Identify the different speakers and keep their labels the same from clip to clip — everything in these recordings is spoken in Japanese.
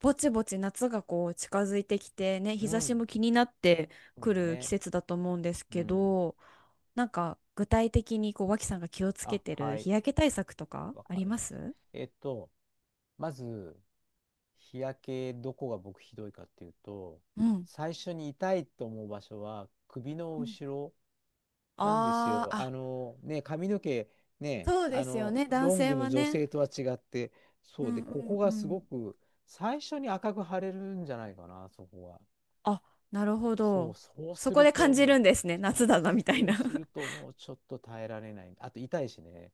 Speaker 1: ぼちぼち夏がこう近づいてきてね、
Speaker 2: う
Speaker 1: 日差し
Speaker 2: ん、
Speaker 1: も気になって
Speaker 2: そう
Speaker 1: く
Speaker 2: だ
Speaker 1: る季
Speaker 2: ね。
Speaker 1: 節だと思うんです
Speaker 2: う
Speaker 1: け
Speaker 2: ん。
Speaker 1: ど、なんか具体的にこう脇さんが気をつけ
Speaker 2: あ、
Speaker 1: てる
Speaker 2: は
Speaker 1: 日
Speaker 2: い。
Speaker 1: 焼け対策とか
Speaker 2: わ
Speaker 1: あ
Speaker 2: か
Speaker 1: り
Speaker 2: り
Speaker 1: ま
Speaker 2: ました。
Speaker 1: す？
Speaker 2: えっと、まず、日焼け、どこが僕ひどいかっていうと、
Speaker 1: うん。
Speaker 2: 最初に痛いと思う場所は首の
Speaker 1: うん、
Speaker 2: 後ろなんです
Speaker 1: あ
Speaker 2: よ。
Speaker 1: ーあ、
Speaker 2: ね、髪の毛、ね、
Speaker 1: そうですよね、男
Speaker 2: ロン
Speaker 1: 性
Speaker 2: グの
Speaker 1: は
Speaker 2: 女
Speaker 1: ね。
Speaker 2: 性とは違って、
Speaker 1: う
Speaker 2: そうで、
Speaker 1: んう
Speaker 2: ここ
Speaker 1: んう
Speaker 2: がすご
Speaker 1: ん。
Speaker 2: く、最初に赤く腫れるんじゃないかな、そこは。
Speaker 1: あ、なるほ
Speaker 2: そう、
Speaker 1: ど。
Speaker 2: そう
Speaker 1: そ
Speaker 2: す
Speaker 1: こ
Speaker 2: る
Speaker 1: で感
Speaker 2: と、
Speaker 1: じるんですね。
Speaker 2: そ
Speaker 1: 夏
Speaker 2: う、
Speaker 1: だなみたい
Speaker 2: そう
Speaker 1: な。
Speaker 2: する ともうちょっと耐えられない。あと痛いしね。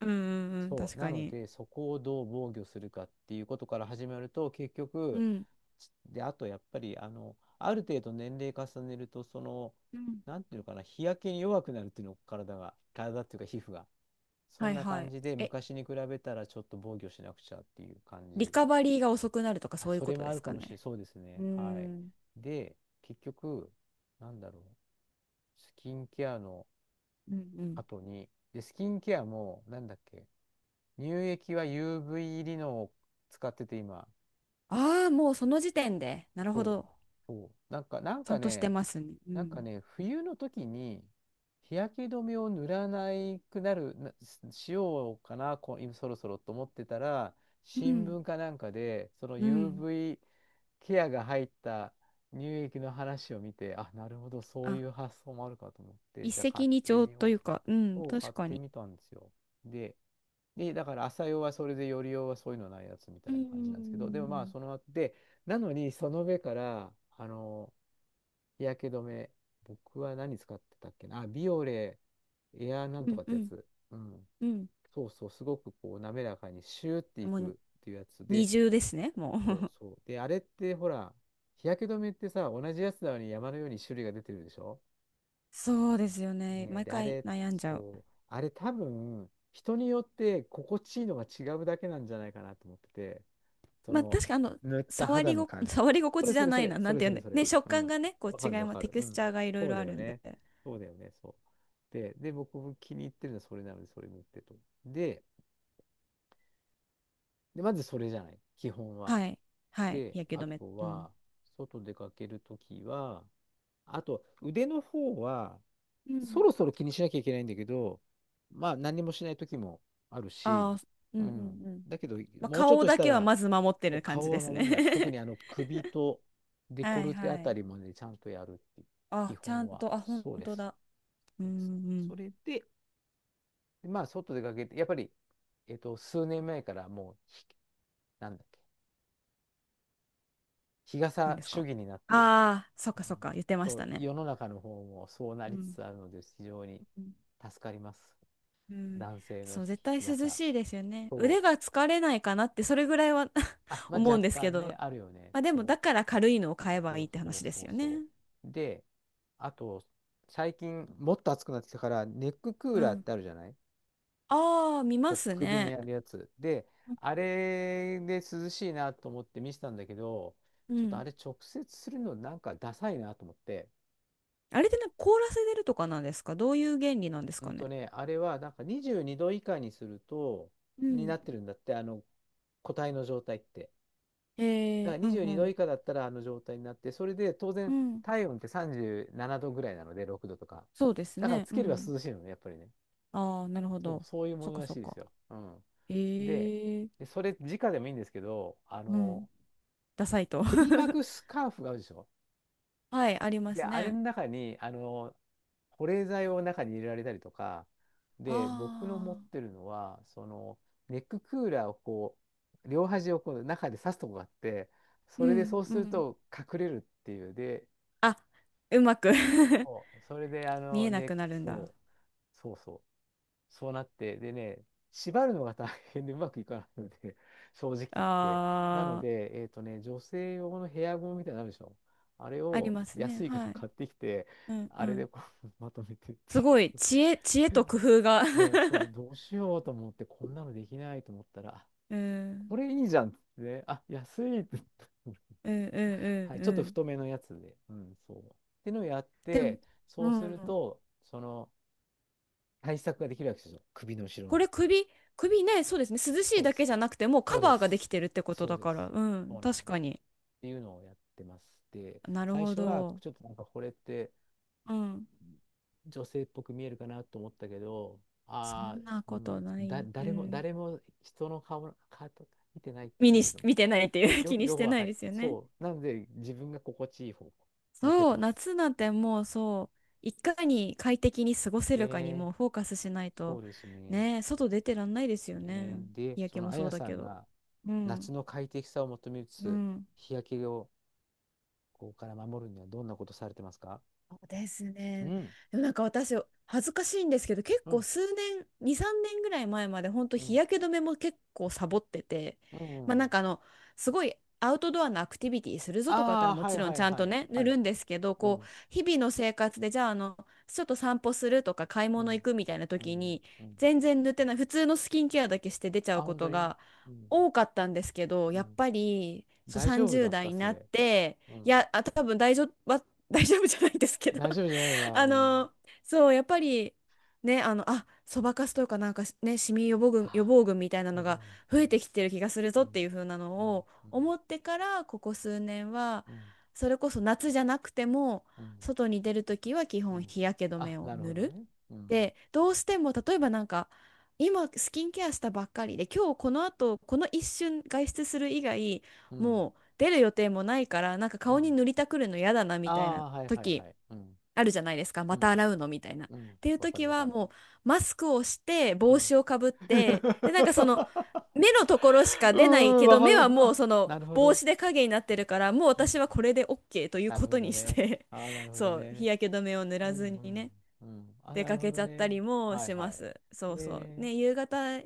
Speaker 1: うんうんうん、
Speaker 2: そ
Speaker 1: 確
Speaker 2: う。な
Speaker 1: か
Speaker 2: の
Speaker 1: に。
Speaker 2: で、そこをどう防御するかっていうことから始まると、結
Speaker 1: う
Speaker 2: 局、
Speaker 1: ん。
Speaker 2: ちで、あとやっぱり、ある程度年齢重ねると、その、
Speaker 1: うん、
Speaker 2: なんていうのかな、日焼けに弱くなるっていうの、体が、体っていうか皮膚が。そ
Speaker 1: は
Speaker 2: ん
Speaker 1: い
Speaker 2: な
Speaker 1: は
Speaker 2: 感
Speaker 1: い。
Speaker 2: じで、
Speaker 1: え、
Speaker 2: 昔に比べたらちょっと防御しなくちゃっていう感
Speaker 1: リ
Speaker 2: じ。
Speaker 1: カバリーが遅くなるとか
Speaker 2: あ、
Speaker 1: そういう
Speaker 2: そ
Speaker 1: こ
Speaker 2: れ
Speaker 1: と
Speaker 2: もあ
Speaker 1: で
Speaker 2: る
Speaker 1: す
Speaker 2: か
Speaker 1: か
Speaker 2: もしれ
Speaker 1: ね？
Speaker 2: そうです
Speaker 1: う
Speaker 2: ね。はい。
Speaker 1: ん。
Speaker 2: で、結局、なんだろう、スキンケアの
Speaker 1: うんうん。
Speaker 2: 後に、で、スキンケアも、なんだっけ、乳液は UV リノを使ってて今。
Speaker 1: ああ、もうその時点で。なるほ
Speaker 2: そう。
Speaker 1: ど。
Speaker 2: そう。なんか、なん
Speaker 1: ちゃ
Speaker 2: か
Speaker 1: んとして
Speaker 2: ね、
Speaker 1: ますね。う
Speaker 2: なんか
Speaker 1: ん。
Speaker 2: ね、冬の時に日焼け止めを塗らないくなる、なしようかな、こ、今そろそろと思ってたら、
Speaker 1: う
Speaker 2: 新
Speaker 1: ん。
Speaker 2: 聞かなんかで、その
Speaker 1: うん。
Speaker 2: UV ケアが入った乳液の話を見て、あ、なるほど、そう
Speaker 1: あ、
Speaker 2: いう発想もあるかと思って、
Speaker 1: 一
Speaker 2: じゃあ
Speaker 1: 石
Speaker 2: 買っ
Speaker 1: 二
Speaker 2: て
Speaker 1: 鳥
Speaker 2: み
Speaker 1: と
Speaker 2: よ
Speaker 1: いう
Speaker 2: う。
Speaker 1: か、うん、
Speaker 2: そう、買
Speaker 1: 確
Speaker 2: っ
Speaker 1: か
Speaker 2: て
Speaker 1: に。
Speaker 2: みたんですよ。で、で、だから朝用はそれで、夜用はそういうのないやつみたい
Speaker 1: う
Speaker 2: な感じなんですけど、でもまあ、
Speaker 1: ん。
Speaker 2: その後で、なのに、その上から、あの、日焼け止め、僕は何使ってたっけな、あ、ビオレ、エアなん
Speaker 1: う
Speaker 2: と
Speaker 1: ん
Speaker 2: かって
Speaker 1: う
Speaker 2: や
Speaker 1: ん。
Speaker 2: つ、うん、
Speaker 1: うん。
Speaker 2: そうそう、すごくこう、滑らかにシューってい
Speaker 1: も
Speaker 2: く
Speaker 1: う
Speaker 2: っていうやつ
Speaker 1: 二
Speaker 2: で、
Speaker 1: 重ですね、も
Speaker 2: そう
Speaker 1: う。
Speaker 2: そう。で、あれって、ほら、日焼け止めってさ、同じやつなのに山のように種類が出てるでしょ。
Speaker 1: そうですよね。
Speaker 2: ね、
Speaker 1: 毎
Speaker 2: で、あ
Speaker 1: 回
Speaker 2: れ、
Speaker 1: 悩んじゃう。
Speaker 2: そう、あれ多分、人によって心地いいのが違うだけなんじゃないかなと思ってて、そ
Speaker 1: まあ
Speaker 2: の、
Speaker 1: 確かにあの、
Speaker 2: 塗った
Speaker 1: 触
Speaker 2: 肌
Speaker 1: り
Speaker 2: の
Speaker 1: ご、
Speaker 2: 感じ。
Speaker 1: 触り心
Speaker 2: そ
Speaker 1: 地
Speaker 2: れ
Speaker 1: じ
Speaker 2: そ
Speaker 1: ゃ
Speaker 2: れ
Speaker 1: な
Speaker 2: そ
Speaker 1: い
Speaker 2: れ、
Speaker 1: な。な
Speaker 2: そ
Speaker 1: ん
Speaker 2: れ
Speaker 1: ていう
Speaker 2: そ
Speaker 1: ん
Speaker 2: れ
Speaker 1: だ。
Speaker 2: そ
Speaker 1: ね、
Speaker 2: れ。
Speaker 1: 食
Speaker 2: う
Speaker 1: 感
Speaker 2: ん。
Speaker 1: がね、こう
Speaker 2: わ
Speaker 1: 違
Speaker 2: かる
Speaker 1: い
Speaker 2: わ
Speaker 1: ます。
Speaker 2: か
Speaker 1: テ
Speaker 2: る。
Speaker 1: ク
Speaker 2: う
Speaker 1: ス
Speaker 2: ん。
Speaker 1: チャーがいろい
Speaker 2: そう
Speaker 1: ろ
Speaker 2: だ
Speaker 1: あ
Speaker 2: よ
Speaker 1: るんで。
Speaker 2: ね。そうだよね。そう。で、僕も気に入ってるのはそれなので、それ塗ってと。で、で、まずそれじゃない。基本は。
Speaker 1: はい。はい。
Speaker 2: で、
Speaker 1: 日焼
Speaker 2: あ
Speaker 1: け止め。
Speaker 2: と
Speaker 1: うん。
Speaker 2: は、外出かけるときは、あと、腕の方は、
Speaker 1: う
Speaker 2: そ
Speaker 1: ん。
Speaker 2: ろそろ気にしなきゃいけないんだけど、まあ何もしない時もある
Speaker 1: あ
Speaker 2: し、
Speaker 1: あ、う
Speaker 2: う
Speaker 1: んうん
Speaker 2: ん。
Speaker 1: うん。
Speaker 2: だけど、
Speaker 1: まあ、
Speaker 2: もうちょっ
Speaker 1: 顔
Speaker 2: とし
Speaker 1: だ
Speaker 2: た
Speaker 1: けは
Speaker 2: ら、
Speaker 1: まず守って
Speaker 2: そう
Speaker 1: る感じ
Speaker 2: 顔
Speaker 1: で
Speaker 2: は
Speaker 1: す
Speaker 2: 守らないと、特
Speaker 1: ね。
Speaker 2: に首とデ
Speaker 1: は
Speaker 2: コ
Speaker 1: い
Speaker 2: ルテあ
Speaker 1: は
Speaker 2: た
Speaker 1: い。
Speaker 2: りまでちゃんとやるっていう基
Speaker 1: あ、ちゃ
Speaker 2: 本
Speaker 1: ん
Speaker 2: は、
Speaker 1: と、あ、本
Speaker 2: そうで
Speaker 1: 当
Speaker 2: す。
Speaker 1: だ。うん
Speaker 2: そうです。
Speaker 1: うん。
Speaker 2: それで、まあ外出かけて、やっぱり、数年前からもうひ、なんだっけ、日
Speaker 1: 何
Speaker 2: 傘
Speaker 1: です
Speaker 2: 主
Speaker 1: か？
Speaker 2: 義になって、
Speaker 1: ああ、そっ
Speaker 2: うん、
Speaker 1: かそっか、言ってまし
Speaker 2: そ
Speaker 1: た
Speaker 2: う
Speaker 1: ね。
Speaker 2: 世の中の方もそうな
Speaker 1: う
Speaker 2: りつ
Speaker 1: ん。
Speaker 2: つあるので、非常に
Speaker 1: うん
Speaker 2: 助かります。
Speaker 1: うん。
Speaker 2: 男性の
Speaker 1: そう、
Speaker 2: 日
Speaker 1: 絶対涼
Speaker 2: 傘。
Speaker 1: しいですよね。
Speaker 2: そ
Speaker 1: 腕が
Speaker 2: う。
Speaker 1: 疲れないかなって、それぐらいは
Speaker 2: あ、まあ、
Speaker 1: 思
Speaker 2: 若
Speaker 1: うんですけ
Speaker 2: 干ね、
Speaker 1: ど。
Speaker 2: あるよね。
Speaker 1: まあでも、
Speaker 2: そ
Speaker 1: だ
Speaker 2: う。
Speaker 1: から軽いのを買えば
Speaker 2: そ
Speaker 1: いい
Speaker 2: う
Speaker 1: って
Speaker 2: そう
Speaker 1: 話で
Speaker 2: そ
Speaker 1: す
Speaker 2: う
Speaker 1: よ
Speaker 2: そ
Speaker 1: ね。
Speaker 2: う。で、あと、最近、もっと暑くなってきたから、ネッククー
Speaker 1: う
Speaker 2: ラーっ
Speaker 1: ん。
Speaker 2: てあるじゃない。
Speaker 1: ああ、見ま
Speaker 2: こう
Speaker 1: す
Speaker 2: 首に
Speaker 1: ね。
Speaker 2: やるやつ。で、あれで涼しいなと思って見せたんだけど、
Speaker 1: う
Speaker 2: ちょっとあ
Speaker 1: ん。
Speaker 2: れ直接するのなんかダサいなと思って。
Speaker 1: あれってなんか凍らせてるとかなんですか？どういう原理なんです
Speaker 2: うん
Speaker 1: かね？
Speaker 2: とね、あれはなんか22度以下にすると、
Speaker 1: う
Speaker 2: に
Speaker 1: ん。
Speaker 2: なってるんだって、個体の状態って。だから
Speaker 1: うん
Speaker 2: 22
Speaker 1: う
Speaker 2: 度
Speaker 1: ん。
Speaker 2: 以下だったらあの状態になって、それで当
Speaker 1: う
Speaker 2: 然
Speaker 1: ん、
Speaker 2: 体温って37度ぐらいなので、6度とか。
Speaker 1: そうです
Speaker 2: だから
Speaker 1: ね。
Speaker 2: つ
Speaker 1: う
Speaker 2: ければ
Speaker 1: ん。
Speaker 2: 涼しいのね、やっぱりね。
Speaker 1: ああ、なるほ
Speaker 2: そう、
Speaker 1: ど。
Speaker 2: そういうも
Speaker 1: そっ
Speaker 2: の
Speaker 1: か
Speaker 2: ら
Speaker 1: そ
Speaker 2: し
Speaker 1: っ
Speaker 2: いです
Speaker 1: か。
Speaker 2: よ。うん。で、
Speaker 1: ええ、
Speaker 2: でそれ、直でもいいんですけど、
Speaker 1: うん。ダサいと。
Speaker 2: 首巻く スカーフがあるでしょ。
Speaker 1: はい、ありま
Speaker 2: で、
Speaker 1: す
Speaker 2: あれ
Speaker 1: ね。
Speaker 2: の中に、保冷剤を中に入れられたりとか、
Speaker 1: あ
Speaker 2: で、僕の持っ
Speaker 1: あ。
Speaker 2: てるのは、その、ネッククーラーをこう、両端をこう中で刺すとこがあって、そ
Speaker 1: う
Speaker 2: れで
Speaker 1: ん、
Speaker 2: そう
Speaker 1: う
Speaker 2: する
Speaker 1: ん。
Speaker 2: と隠れるっていう。で、
Speaker 1: あ、うまく
Speaker 2: そうそれで、
Speaker 1: 見えな
Speaker 2: ね、
Speaker 1: くなるんだ。
Speaker 2: そう、そうそう。そうなって、でね、縛るのが大変でうまくいかないので、正直言って。なの
Speaker 1: ああ、
Speaker 2: で、えっとね、女性用のヘアゴムみたいなのあるでしょ。あれ
Speaker 1: あり
Speaker 2: を
Speaker 1: ますね。
Speaker 2: 安いから
Speaker 1: はい。
Speaker 2: 買ってきて、
Speaker 1: うん、
Speaker 2: あ
Speaker 1: う
Speaker 2: れ
Speaker 1: ん。
Speaker 2: でこう まとめてって
Speaker 1: す
Speaker 2: い
Speaker 1: ごい、知恵
Speaker 2: う。
Speaker 1: と工夫が。
Speaker 2: ね、そう、どうしようと思って、こんなのできないと思ったら、あ、
Speaker 1: うん、
Speaker 2: これいいじゃんっつってね、あ、安いって言った。
Speaker 1: うん、う ん、
Speaker 2: は
Speaker 1: う
Speaker 2: い、
Speaker 1: ん、
Speaker 2: ち
Speaker 1: う
Speaker 2: ょっと
Speaker 1: ん。
Speaker 2: 太めのやつで、うん、そう。ってのをやっ
Speaker 1: でも、
Speaker 2: て、そ
Speaker 1: う
Speaker 2: うする
Speaker 1: ん。
Speaker 2: と、その、対策ができるわけですよ、首の後ろ
Speaker 1: こ
Speaker 2: が。
Speaker 1: れ首、首ね、そうですね。涼し
Speaker 2: そ
Speaker 1: い
Speaker 2: うで
Speaker 1: だけ
Speaker 2: す。
Speaker 1: じゃなくて、もう
Speaker 2: そ
Speaker 1: カ
Speaker 2: うで
Speaker 1: バーがで
Speaker 2: す。
Speaker 1: きてるってこと
Speaker 2: そう
Speaker 1: だ
Speaker 2: で
Speaker 1: か
Speaker 2: す。
Speaker 1: ら。う
Speaker 2: そ
Speaker 1: ん、
Speaker 2: うなん
Speaker 1: 確
Speaker 2: です。
Speaker 1: かに。
Speaker 2: っていうのをやってます。で、
Speaker 1: なる
Speaker 2: 最
Speaker 1: ほ
Speaker 2: 初は
Speaker 1: ど。
Speaker 2: ちょっとなんかこれって
Speaker 1: うん。
Speaker 2: 女性っぽく見えるかなと思ったけど、
Speaker 1: そ
Speaker 2: ああ、
Speaker 1: んな
Speaker 2: う
Speaker 1: こ
Speaker 2: ん、
Speaker 1: とな
Speaker 2: だ、
Speaker 1: い。う
Speaker 2: 誰も、
Speaker 1: ん。
Speaker 2: 誰も人の顔、顔とか見てないっ
Speaker 1: 見
Speaker 2: て
Speaker 1: に
Speaker 2: いう
Speaker 1: し、
Speaker 2: の、
Speaker 1: 見てないっていう 気にし
Speaker 2: よく
Speaker 1: て
Speaker 2: わ
Speaker 1: な
Speaker 2: か
Speaker 1: い
Speaker 2: る。
Speaker 1: ですよね。
Speaker 2: そう。なので、自分が心地いい方向持ってっ
Speaker 1: そ
Speaker 2: て
Speaker 1: う、
Speaker 2: ます。
Speaker 1: 夏なんてもうそう、いかに快適に過ごせるかに
Speaker 2: ねえ、
Speaker 1: もうフォーカスしない
Speaker 2: そ
Speaker 1: と、
Speaker 2: うですね。
Speaker 1: ね、外出てらんないですよ
Speaker 2: ね
Speaker 1: ね。
Speaker 2: え、で、
Speaker 1: 日焼
Speaker 2: そ
Speaker 1: け
Speaker 2: の
Speaker 1: も
Speaker 2: あ
Speaker 1: そ
Speaker 2: や
Speaker 1: うだ
Speaker 2: さ
Speaker 1: け
Speaker 2: ん
Speaker 1: ど。
Speaker 2: が
Speaker 1: う
Speaker 2: 夏
Speaker 1: ん。
Speaker 2: の快適さを求めつ
Speaker 1: う
Speaker 2: つ、
Speaker 1: ん。
Speaker 2: 日焼けをここから守るにはどんなことされてますか？
Speaker 1: そうです
Speaker 2: う
Speaker 1: ね。
Speaker 2: ん、
Speaker 1: でもなんか私、恥ずかしいんですけど、結
Speaker 2: う
Speaker 1: 構
Speaker 2: ん、
Speaker 1: 数年、2、3年ぐらい前まで、本当
Speaker 2: う
Speaker 1: 日
Speaker 2: ん、
Speaker 1: 焼け止めも結構サボってて、
Speaker 2: う
Speaker 1: まあなん
Speaker 2: ん。
Speaker 1: かあの、すごいアウトドアのアクティビティするぞとかだった
Speaker 2: あ
Speaker 1: ら
Speaker 2: あ、
Speaker 1: も
Speaker 2: はい
Speaker 1: ちろん
Speaker 2: はい
Speaker 1: ちゃん
Speaker 2: は
Speaker 1: と
Speaker 2: い、
Speaker 1: ね、
Speaker 2: は
Speaker 1: 塗る
Speaker 2: い。
Speaker 1: んですけど、
Speaker 2: う
Speaker 1: こう、
Speaker 2: ん、
Speaker 1: 日々の生活で、じゃああの、ちょっと散歩するとか買い
Speaker 2: う
Speaker 1: 物行
Speaker 2: ん、
Speaker 1: くみたいな
Speaker 2: う
Speaker 1: 時
Speaker 2: ん、
Speaker 1: に、
Speaker 2: うん。
Speaker 1: 全然塗ってない、普通のスキンケアだけして出ちゃ
Speaker 2: あ、
Speaker 1: うこ
Speaker 2: 本当
Speaker 1: と
Speaker 2: に。
Speaker 1: が
Speaker 2: うん、
Speaker 1: 多かったんですけど、
Speaker 2: う
Speaker 1: やっ
Speaker 2: ん。
Speaker 1: ぱり、そう
Speaker 2: 大丈夫だっ
Speaker 1: 30
Speaker 2: た、
Speaker 1: 代に
Speaker 2: そ
Speaker 1: なっ
Speaker 2: れ。
Speaker 1: て、
Speaker 2: う
Speaker 1: い
Speaker 2: ん。
Speaker 1: や、あ、多分大丈夫。大丈夫じゃないんですけど。
Speaker 2: 大丈夫じゃないよ な、
Speaker 1: あ
Speaker 2: うん。
Speaker 1: の、そうやっぱりね、あの、あ、そばかすとかなんかね、シミ予防群予
Speaker 2: あ
Speaker 1: 防群みたいな
Speaker 2: あ、
Speaker 1: の
Speaker 2: よ、うん、
Speaker 1: が
Speaker 2: う
Speaker 1: 増え
Speaker 2: ん、
Speaker 1: てきてる気がするぞ
Speaker 2: う
Speaker 1: って
Speaker 2: ん、
Speaker 1: いう風な
Speaker 2: う
Speaker 1: の
Speaker 2: ん、
Speaker 1: を
Speaker 2: うん、
Speaker 1: 思ってから、ここ数年は
Speaker 2: うん、
Speaker 1: それこそ夏じゃなくても
Speaker 2: うん。
Speaker 1: 外に出るときは基
Speaker 2: う
Speaker 1: 本
Speaker 2: ん、
Speaker 1: 日焼け止
Speaker 2: あ、
Speaker 1: めを
Speaker 2: なる
Speaker 1: 塗
Speaker 2: ほど
Speaker 1: る。
Speaker 2: ね。うん、
Speaker 1: で、どうしても例えばなんか今スキンケアしたばっかりで今日この後この一瞬外出する以外
Speaker 2: うん、
Speaker 1: もう出る予定もないからなんか
Speaker 2: うん。
Speaker 1: 顔に塗りたくるの嫌だなみ
Speaker 2: あ
Speaker 1: たいな
Speaker 2: あ、はいはいは
Speaker 1: 時
Speaker 2: い。うん、
Speaker 1: あるじゃないですか、
Speaker 2: う
Speaker 1: また
Speaker 2: ん、
Speaker 1: 洗うのみたいな。
Speaker 2: うん。
Speaker 1: っていう
Speaker 2: わか
Speaker 1: 時
Speaker 2: るわ
Speaker 1: は
Speaker 2: かる。
Speaker 1: もうマスクをして
Speaker 2: う
Speaker 1: 帽
Speaker 2: ん。
Speaker 1: 子をかぶって、でなんかその 目のところしか
Speaker 2: う
Speaker 1: 出ない
Speaker 2: ん、
Speaker 1: け
Speaker 2: わ
Speaker 1: ど、
Speaker 2: か
Speaker 1: 目
Speaker 2: る。
Speaker 1: はもう
Speaker 2: あ、
Speaker 1: そ
Speaker 2: な
Speaker 1: の
Speaker 2: るほ
Speaker 1: 帽
Speaker 2: ど。
Speaker 1: 子で影になってるから、もう
Speaker 2: うん。
Speaker 1: 私はこれで OK という
Speaker 2: なる
Speaker 1: こ
Speaker 2: ほ
Speaker 1: と
Speaker 2: ど
Speaker 1: にし
Speaker 2: ね。
Speaker 1: て
Speaker 2: ああ、なる ほど
Speaker 1: そう日
Speaker 2: ね。
Speaker 1: 焼け止めを塗
Speaker 2: うん
Speaker 1: ら
Speaker 2: う
Speaker 1: ずに
Speaker 2: ん。
Speaker 1: ね、
Speaker 2: うん。あ、
Speaker 1: 出
Speaker 2: なる
Speaker 1: か
Speaker 2: ほ
Speaker 1: け
Speaker 2: ど
Speaker 1: ちゃった
Speaker 2: ね。
Speaker 1: りも
Speaker 2: はい
Speaker 1: し
Speaker 2: は
Speaker 1: ま
Speaker 2: い。
Speaker 1: す。そうそう。
Speaker 2: え
Speaker 1: ね、夕方、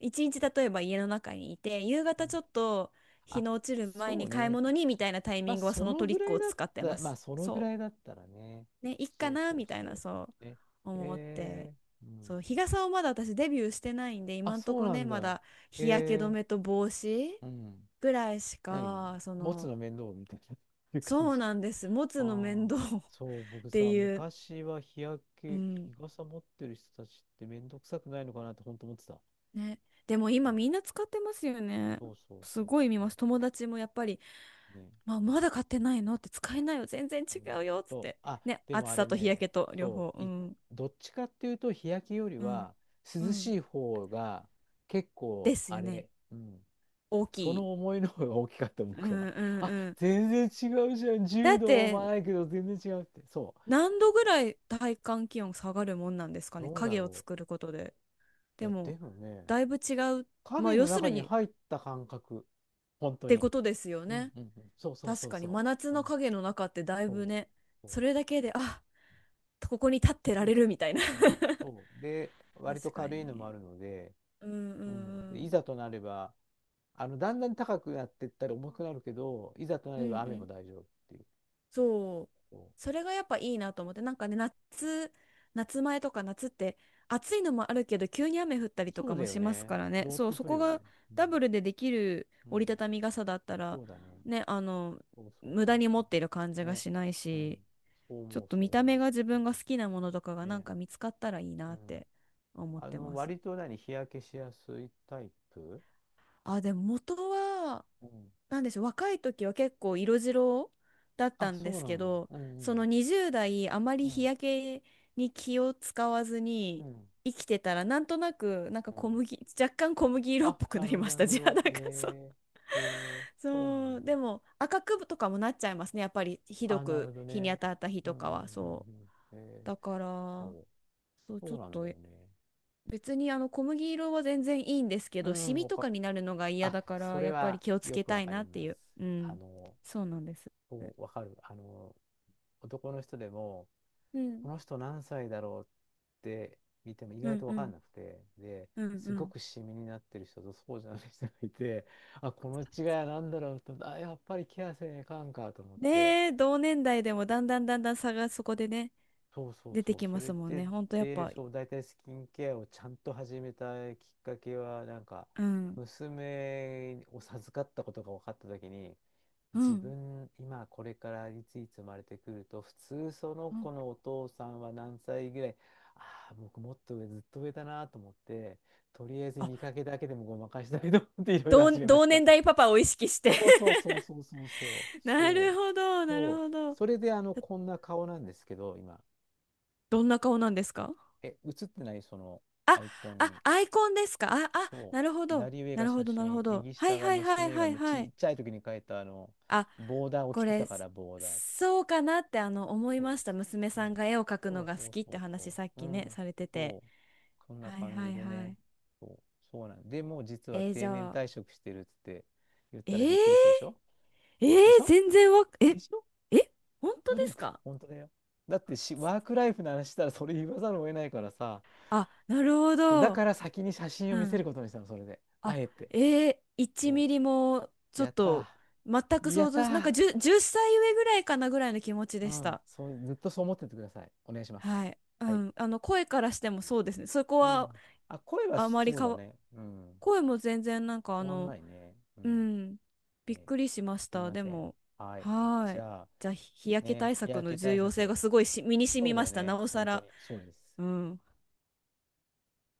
Speaker 1: 一日例えば家の中にいて、夕
Speaker 2: ー、う
Speaker 1: 方ち
Speaker 2: ん。
Speaker 1: ょっと日
Speaker 2: あ、
Speaker 1: の落ちる前
Speaker 2: そ
Speaker 1: に
Speaker 2: う
Speaker 1: 買い
Speaker 2: ね。
Speaker 1: 物にみたいなタイ
Speaker 2: まあ、
Speaker 1: ミングはそ
Speaker 2: そ
Speaker 1: の
Speaker 2: の
Speaker 1: トリ
Speaker 2: ぐ
Speaker 1: ッ
Speaker 2: ら
Speaker 1: ク
Speaker 2: い
Speaker 1: を
Speaker 2: だっ
Speaker 1: 使ってま
Speaker 2: た、まあ、
Speaker 1: す。
Speaker 2: そのぐ
Speaker 1: そ
Speaker 2: らいだったらね。
Speaker 1: う。ね、いっか
Speaker 2: そう
Speaker 1: な
Speaker 2: そう
Speaker 1: みたいな、
Speaker 2: そ
Speaker 1: そ
Speaker 2: う。ね。
Speaker 1: う思って。
Speaker 2: えー、うん。
Speaker 1: そう、日傘をまだ私デビューしてないんで、
Speaker 2: あ、
Speaker 1: 今んと
Speaker 2: そう
Speaker 1: こ
Speaker 2: な
Speaker 1: ね、
Speaker 2: ん
Speaker 1: ま
Speaker 2: だ。
Speaker 1: だ日焼け止
Speaker 2: え
Speaker 1: めと帽子
Speaker 2: ー、うん。
Speaker 1: ぐらいし
Speaker 2: 何
Speaker 1: か、そ
Speaker 2: 持つ
Speaker 1: の、
Speaker 2: の面倒みたいな、いう感
Speaker 1: そう
Speaker 2: じ。
Speaker 1: なんです。持つの
Speaker 2: あ
Speaker 1: 面
Speaker 2: あ、
Speaker 1: 倒 っ
Speaker 2: そう、僕
Speaker 1: て
Speaker 2: さ、
Speaker 1: いう、
Speaker 2: 昔は日焼
Speaker 1: う
Speaker 2: け、
Speaker 1: ん、
Speaker 2: 日傘持ってる人たちって面倒くさくないのかなって本当思ってた。
Speaker 1: ね。でも
Speaker 2: うん、
Speaker 1: 今みんな使ってますよね。
Speaker 2: そうそう
Speaker 1: す
Speaker 2: そう
Speaker 1: ごい見ま
Speaker 2: そ
Speaker 1: す。友達もやっぱり、
Speaker 2: う。ね。
Speaker 1: まあ、まだ買ってないのって使えないよ。全然違
Speaker 2: ね。
Speaker 1: うよ。っつっ
Speaker 2: そう。
Speaker 1: て。
Speaker 2: あ、
Speaker 1: ね。
Speaker 2: でも
Speaker 1: 暑
Speaker 2: あ
Speaker 1: さ
Speaker 2: れ
Speaker 1: と日焼
Speaker 2: ね、
Speaker 1: けと両
Speaker 2: そ
Speaker 1: 方。
Speaker 2: う。
Speaker 1: う
Speaker 2: い、
Speaker 1: ん。
Speaker 2: どっちかっていうと、日焼けより
Speaker 1: うん。
Speaker 2: は、
Speaker 1: う
Speaker 2: 涼
Speaker 1: ん。
Speaker 2: しい方が、結
Speaker 1: で
Speaker 2: 構、
Speaker 1: す
Speaker 2: あ
Speaker 1: よね。
Speaker 2: れ、うん。
Speaker 1: 大き
Speaker 2: そ
Speaker 1: い。
Speaker 2: の思いの方が大きかった、
Speaker 1: う
Speaker 2: 僕は。
Speaker 1: んうん
Speaker 2: あ、
Speaker 1: うん。
Speaker 2: 全然違うじゃん。
Speaker 1: だ
Speaker 2: 柔
Speaker 1: っ
Speaker 2: 道も
Speaker 1: て、
Speaker 2: ないけど、全然違うって。そう。
Speaker 1: 何度ぐらい体感気温下がるもんなんですかね？
Speaker 2: どうだ
Speaker 1: 影を
Speaker 2: ろ
Speaker 1: 作ることで。
Speaker 2: う。い
Speaker 1: で
Speaker 2: や、
Speaker 1: も、
Speaker 2: でもね、
Speaker 1: だいぶ違う。まあ、
Speaker 2: 影の
Speaker 1: 要す
Speaker 2: 中
Speaker 1: る
Speaker 2: に
Speaker 1: にっ
Speaker 2: 入った感覚。本当
Speaker 1: て
Speaker 2: に。
Speaker 1: ことですよ
Speaker 2: うん
Speaker 1: ね。
Speaker 2: うんうん。そうそう
Speaker 1: 確
Speaker 2: そう
Speaker 1: かに
Speaker 2: そ
Speaker 1: 真夏
Speaker 2: う。う
Speaker 1: の
Speaker 2: ん。
Speaker 1: 影の中ってだい
Speaker 2: そ
Speaker 1: ぶ
Speaker 2: う。
Speaker 1: ね、
Speaker 2: そう、
Speaker 1: それだけで、あ、ここに立ってら
Speaker 2: そう
Speaker 1: れ
Speaker 2: だよ。
Speaker 1: るみたいな。
Speaker 2: うん、 そう。で、割と
Speaker 1: 確か
Speaker 2: 軽いのもあ
Speaker 1: に
Speaker 2: るので、
Speaker 1: うんう
Speaker 2: うん。で、
Speaker 1: ん
Speaker 2: いざとなれば、だんだん高くなっていったら重くなるけど、いざとな
Speaker 1: うん
Speaker 2: れ
Speaker 1: うん
Speaker 2: ば
Speaker 1: う
Speaker 2: 雨も
Speaker 1: ん
Speaker 2: 大丈夫っていう。
Speaker 1: そう、
Speaker 2: そう、
Speaker 1: それがやっぱいいなと思って、なんかね、夏前とか夏って暑いのもあるけど急に雨降ったりと
Speaker 2: そ
Speaker 1: か
Speaker 2: うだ
Speaker 1: も
Speaker 2: よ
Speaker 1: します
Speaker 2: ね。
Speaker 1: からね、
Speaker 2: どーっ
Speaker 1: そう、
Speaker 2: と
Speaker 1: そ
Speaker 2: 降る
Speaker 1: こ
Speaker 2: よね。
Speaker 1: が
Speaker 2: う
Speaker 1: ダ
Speaker 2: ん。
Speaker 1: ブルでできる
Speaker 2: う
Speaker 1: 折
Speaker 2: ん。
Speaker 1: りたたみ傘だったら
Speaker 2: そうだね。
Speaker 1: ね、あの、
Speaker 2: そうそう
Speaker 1: 無
Speaker 2: そ
Speaker 1: 駄
Speaker 2: う
Speaker 1: に
Speaker 2: そ
Speaker 1: 持っている感
Speaker 2: う。
Speaker 1: じが
Speaker 2: ね。
Speaker 1: しない
Speaker 2: うん。
Speaker 1: し、ちょっと
Speaker 2: そ
Speaker 1: 見
Speaker 2: う思
Speaker 1: た目が自分が好きなものとかが
Speaker 2: う。
Speaker 1: なん
Speaker 2: ね。
Speaker 1: か見つかったらいい
Speaker 2: う
Speaker 1: なっ
Speaker 2: ん。
Speaker 1: て思ってます。
Speaker 2: 割と何、日焼けしやすいタイプ？
Speaker 1: あ、でも元は
Speaker 2: うん。
Speaker 1: なんでしょう、若い時は結構色白だった
Speaker 2: あ、
Speaker 1: んで
Speaker 2: そう
Speaker 1: す
Speaker 2: な
Speaker 1: け
Speaker 2: の。
Speaker 1: ど、
Speaker 2: うんう
Speaker 1: その
Speaker 2: ん。
Speaker 1: 20代、あま
Speaker 2: う
Speaker 1: り日
Speaker 2: ん。
Speaker 1: 焼けに気を使わず
Speaker 2: う
Speaker 1: に
Speaker 2: ん。
Speaker 1: 生きてたら、なんとなく、なんか
Speaker 2: う
Speaker 1: 小
Speaker 2: ん、
Speaker 1: 麦、若干小麦色っ
Speaker 2: あ、
Speaker 1: ぽく
Speaker 2: な
Speaker 1: な
Speaker 2: る
Speaker 1: り
Speaker 2: ほど、
Speaker 1: まし
Speaker 2: なる
Speaker 1: た、
Speaker 2: ほ
Speaker 1: じゃあ、
Speaker 2: ど。
Speaker 1: なんかそう。
Speaker 2: えー、えー、そうな
Speaker 1: そ
Speaker 2: ん
Speaker 1: う、
Speaker 2: だ。
Speaker 1: でも赤くとかもなっちゃいますね、やっぱりひど
Speaker 2: あ、なるほ
Speaker 1: く
Speaker 2: ど
Speaker 1: 日に当
Speaker 2: ね。
Speaker 1: たった日
Speaker 2: うん、
Speaker 1: と
Speaker 2: うん、
Speaker 1: か
Speaker 2: うん、
Speaker 1: は、そ
Speaker 2: うん。え
Speaker 1: う。だか
Speaker 2: ー、そ
Speaker 1: ら、
Speaker 2: う、
Speaker 1: そう、ちょ
Speaker 2: そう
Speaker 1: っ
Speaker 2: なんだ
Speaker 1: と
Speaker 2: よね。
Speaker 1: 別にあの小麦色は全然いいんですけ
Speaker 2: う
Speaker 1: ど、シ
Speaker 2: ん、
Speaker 1: ミ
Speaker 2: わ
Speaker 1: と
Speaker 2: か、
Speaker 1: かになるのが嫌
Speaker 2: あ、
Speaker 1: だか
Speaker 2: そ
Speaker 1: ら、
Speaker 2: れ
Speaker 1: やっぱり
Speaker 2: は
Speaker 1: 気をつ
Speaker 2: よ
Speaker 1: け
Speaker 2: く
Speaker 1: た
Speaker 2: わ
Speaker 1: い
Speaker 2: か
Speaker 1: な
Speaker 2: り
Speaker 1: って
Speaker 2: ま
Speaker 1: い
Speaker 2: す。
Speaker 1: う。う
Speaker 2: あ
Speaker 1: ん。
Speaker 2: の、
Speaker 1: そうなんです。
Speaker 2: そう、わかる。男の人でも、
Speaker 1: う
Speaker 2: こ
Speaker 1: ん。
Speaker 2: の人何歳だろうって見ても意
Speaker 1: う
Speaker 2: 外
Speaker 1: ん
Speaker 2: とわ
Speaker 1: う
Speaker 2: かん
Speaker 1: ん。
Speaker 2: なくて、で、
Speaker 1: うんう
Speaker 2: すご
Speaker 1: ん。
Speaker 2: くシミになってる人とそうじゃない人がいて、あ、この違いは何だろうと、あ、やっぱりケアせねえかんかと思って、
Speaker 1: ねえ、同年代でもだんだんだんだん差がそこでね、
Speaker 2: そうそう
Speaker 1: 出て
Speaker 2: そう、
Speaker 1: き
Speaker 2: そ
Speaker 1: ます
Speaker 2: れ
Speaker 1: もん
Speaker 2: で、
Speaker 1: ね。ほんとやっ
Speaker 2: で、
Speaker 1: ぱ、
Speaker 2: そう、大体スキンケアをちゃんと始めたきっかけは、なんか、
Speaker 1: うん。
Speaker 2: 娘を授かったことが分かった時に、
Speaker 1: う
Speaker 2: 自
Speaker 1: ん。
Speaker 2: 分、今これからいついつ生まれてくると、普通その
Speaker 1: う
Speaker 2: 子
Speaker 1: ん、
Speaker 2: のお父さんは何歳ぐらい、ああ、僕もっと上、ずっと上だなと思って、とりあえず
Speaker 1: あ、
Speaker 2: 見かけだけでもごまかしたいと思っていろいろ始めまし
Speaker 1: 同
Speaker 2: た。
Speaker 1: 年代パパを意識して
Speaker 2: そうそうそうそうそうそう、
Speaker 1: な
Speaker 2: そ
Speaker 1: る
Speaker 2: う、
Speaker 1: ほど、なる
Speaker 2: そ
Speaker 1: ほ
Speaker 2: う。そ
Speaker 1: ど。
Speaker 2: れでこんな顔なんですけど、今。
Speaker 1: どんな顔なんですか？
Speaker 2: え、映ってないその
Speaker 1: あ、
Speaker 2: アイコンに。
Speaker 1: あ、アイコンですか？あ、あ、
Speaker 2: そ
Speaker 1: なるほ
Speaker 2: う。
Speaker 1: ど。
Speaker 2: 左上
Speaker 1: な
Speaker 2: が
Speaker 1: るほ
Speaker 2: 写
Speaker 1: ど、なる
Speaker 2: 真、
Speaker 1: ほど。
Speaker 2: 右
Speaker 1: は
Speaker 2: 下
Speaker 1: い
Speaker 2: が
Speaker 1: はいはい
Speaker 2: 娘が
Speaker 1: はい
Speaker 2: む
Speaker 1: は
Speaker 2: ちっ
Speaker 1: い。
Speaker 2: ちゃい時に描いた
Speaker 1: あ、
Speaker 2: ボーダーを着
Speaker 1: こ
Speaker 2: てた
Speaker 1: れ、
Speaker 2: から、ボーダーって。
Speaker 1: そうかなってあの思い
Speaker 2: そう
Speaker 1: ま
Speaker 2: です。
Speaker 1: した。娘
Speaker 2: そ
Speaker 1: さ
Speaker 2: う
Speaker 1: ん
Speaker 2: です。
Speaker 1: が絵を描く
Speaker 2: そ
Speaker 1: の
Speaker 2: う
Speaker 1: が好
Speaker 2: そう
Speaker 1: きっ
Speaker 2: そ
Speaker 1: て
Speaker 2: う
Speaker 1: 話
Speaker 2: そ
Speaker 1: さっ
Speaker 2: う。う
Speaker 1: きね、
Speaker 2: ん。
Speaker 1: されて
Speaker 2: そ
Speaker 1: て。
Speaker 2: う。そんな
Speaker 1: はい
Speaker 2: 感
Speaker 1: は
Speaker 2: じ
Speaker 1: い
Speaker 2: で
Speaker 1: は
Speaker 2: ね。
Speaker 1: い。
Speaker 2: そう。そうなんで、もう実は
Speaker 1: えーじ
Speaker 2: 定年
Speaker 1: ゃあ、
Speaker 2: 退職してるっつって言っ
Speaker 1: え
Speaker 2: たら
Speaker 1: ー、
Speaker 2: びっくりするでしょ？
Speaker 1: えー
Speaker 2: でしょ？
Speaker 1: 全然わ、え、
Speaker 2: でしょ？
Speaker 1: え、本当
Speaker 2: 努
Speaker 1: で
Speaker 2: 力。
Speaker 1: すか？
Speaker 2: 本当だよ。だってし、ワークライフの話したらそれ言わざるを得ないからさ、
Speaker 1: あ、なるほ
Speaker 2: だ
Speaker 1: ど。
Speaker 2: から先に写真を
Speaker 1: う
Speaker 2: 見せる
Speaker 1: ん。
Speaker 2: ことにしたの、それで。あ
Speaker 1: あ、
Speaker 2: えて。
Speaker 1: え
Speaker 2: そ
Speaker 1: 1ミリも
Speaker 2: う。
Speaker 1: ちょっ
Speaker 2: やっ
Speaker 1: と
Speaker 2: た
Speaker 1: 全く
Speaker 2: ー。や
Speaker 1: 想
Speaker 2: った
Speaker 1: 像し、なん
Speaker 2: ー。
Speaker 1: か10、歳上ぐらいかなぐらいの気持ち
Speaker 2: う
Speaker 1: でし
Speaker 2: ん。
Speaker 1: た。
Speaker 2: そう、ずっとそう思っててください。お願いしま
Speaker 1: は
Speaker 2: す。
Speaker 1: い。う
Speaker 2: はい。
Speaker 1: ん。あの、声からしてもそうですね。そこ
Speaker 2: う
Speaker 1: は
Speaker 2: ん。あ、声は
Speaker 1: あまり
Speaker 2: そう
Speaker 1: か
Speaker 2: だ
Speaker 1: わ、
Speaker 2: ね。うん。
Speaker 1: 声も全然なんかあ
Speaker 2: 変わん
Speaker 1: の、
Speaker 2: ないね。うん。
Speaker 1: うん、
Speaker 2: え
Speaker 1: びっ
Speaker 2: ー、
Speaker 1: くりしまし
Speaker 2: すい
Speaker 1: た。
Speaker 2: ま
Speaker 1: で
Speaker 2: せん。
Speaker 1: も、
Speaker 2: はい。
Speaker 1: は
Speaker 2: じ
Speaker 1: ーい。
Speaker 2: ゃあ、
Speaker 1: じゃあ、日焼け
Speaker 2: ね、
Speaker 1: 対
Speaker 2: 日
Speaker 1: 策
Speaker 2: 焼
Speaker 1: の
Speaker 2: け
Speaker 1: 重
Speaker 2: 対
Speaker 1: 要性
Speaker 2: 策。
Speaker 1: がすごいし身に染
Speaker 2: そ
Speaker 1: み
Speaker 2: うだ
Speaker 1: ま
Speaker 2: よ
Speaker 1: した。な
Speaker 2: ね。
Speaker 1: おさ
Speaker 2: 本当
Speaker 1: ら。
Speaker 2: に。そうです。
Speaker 1: うん。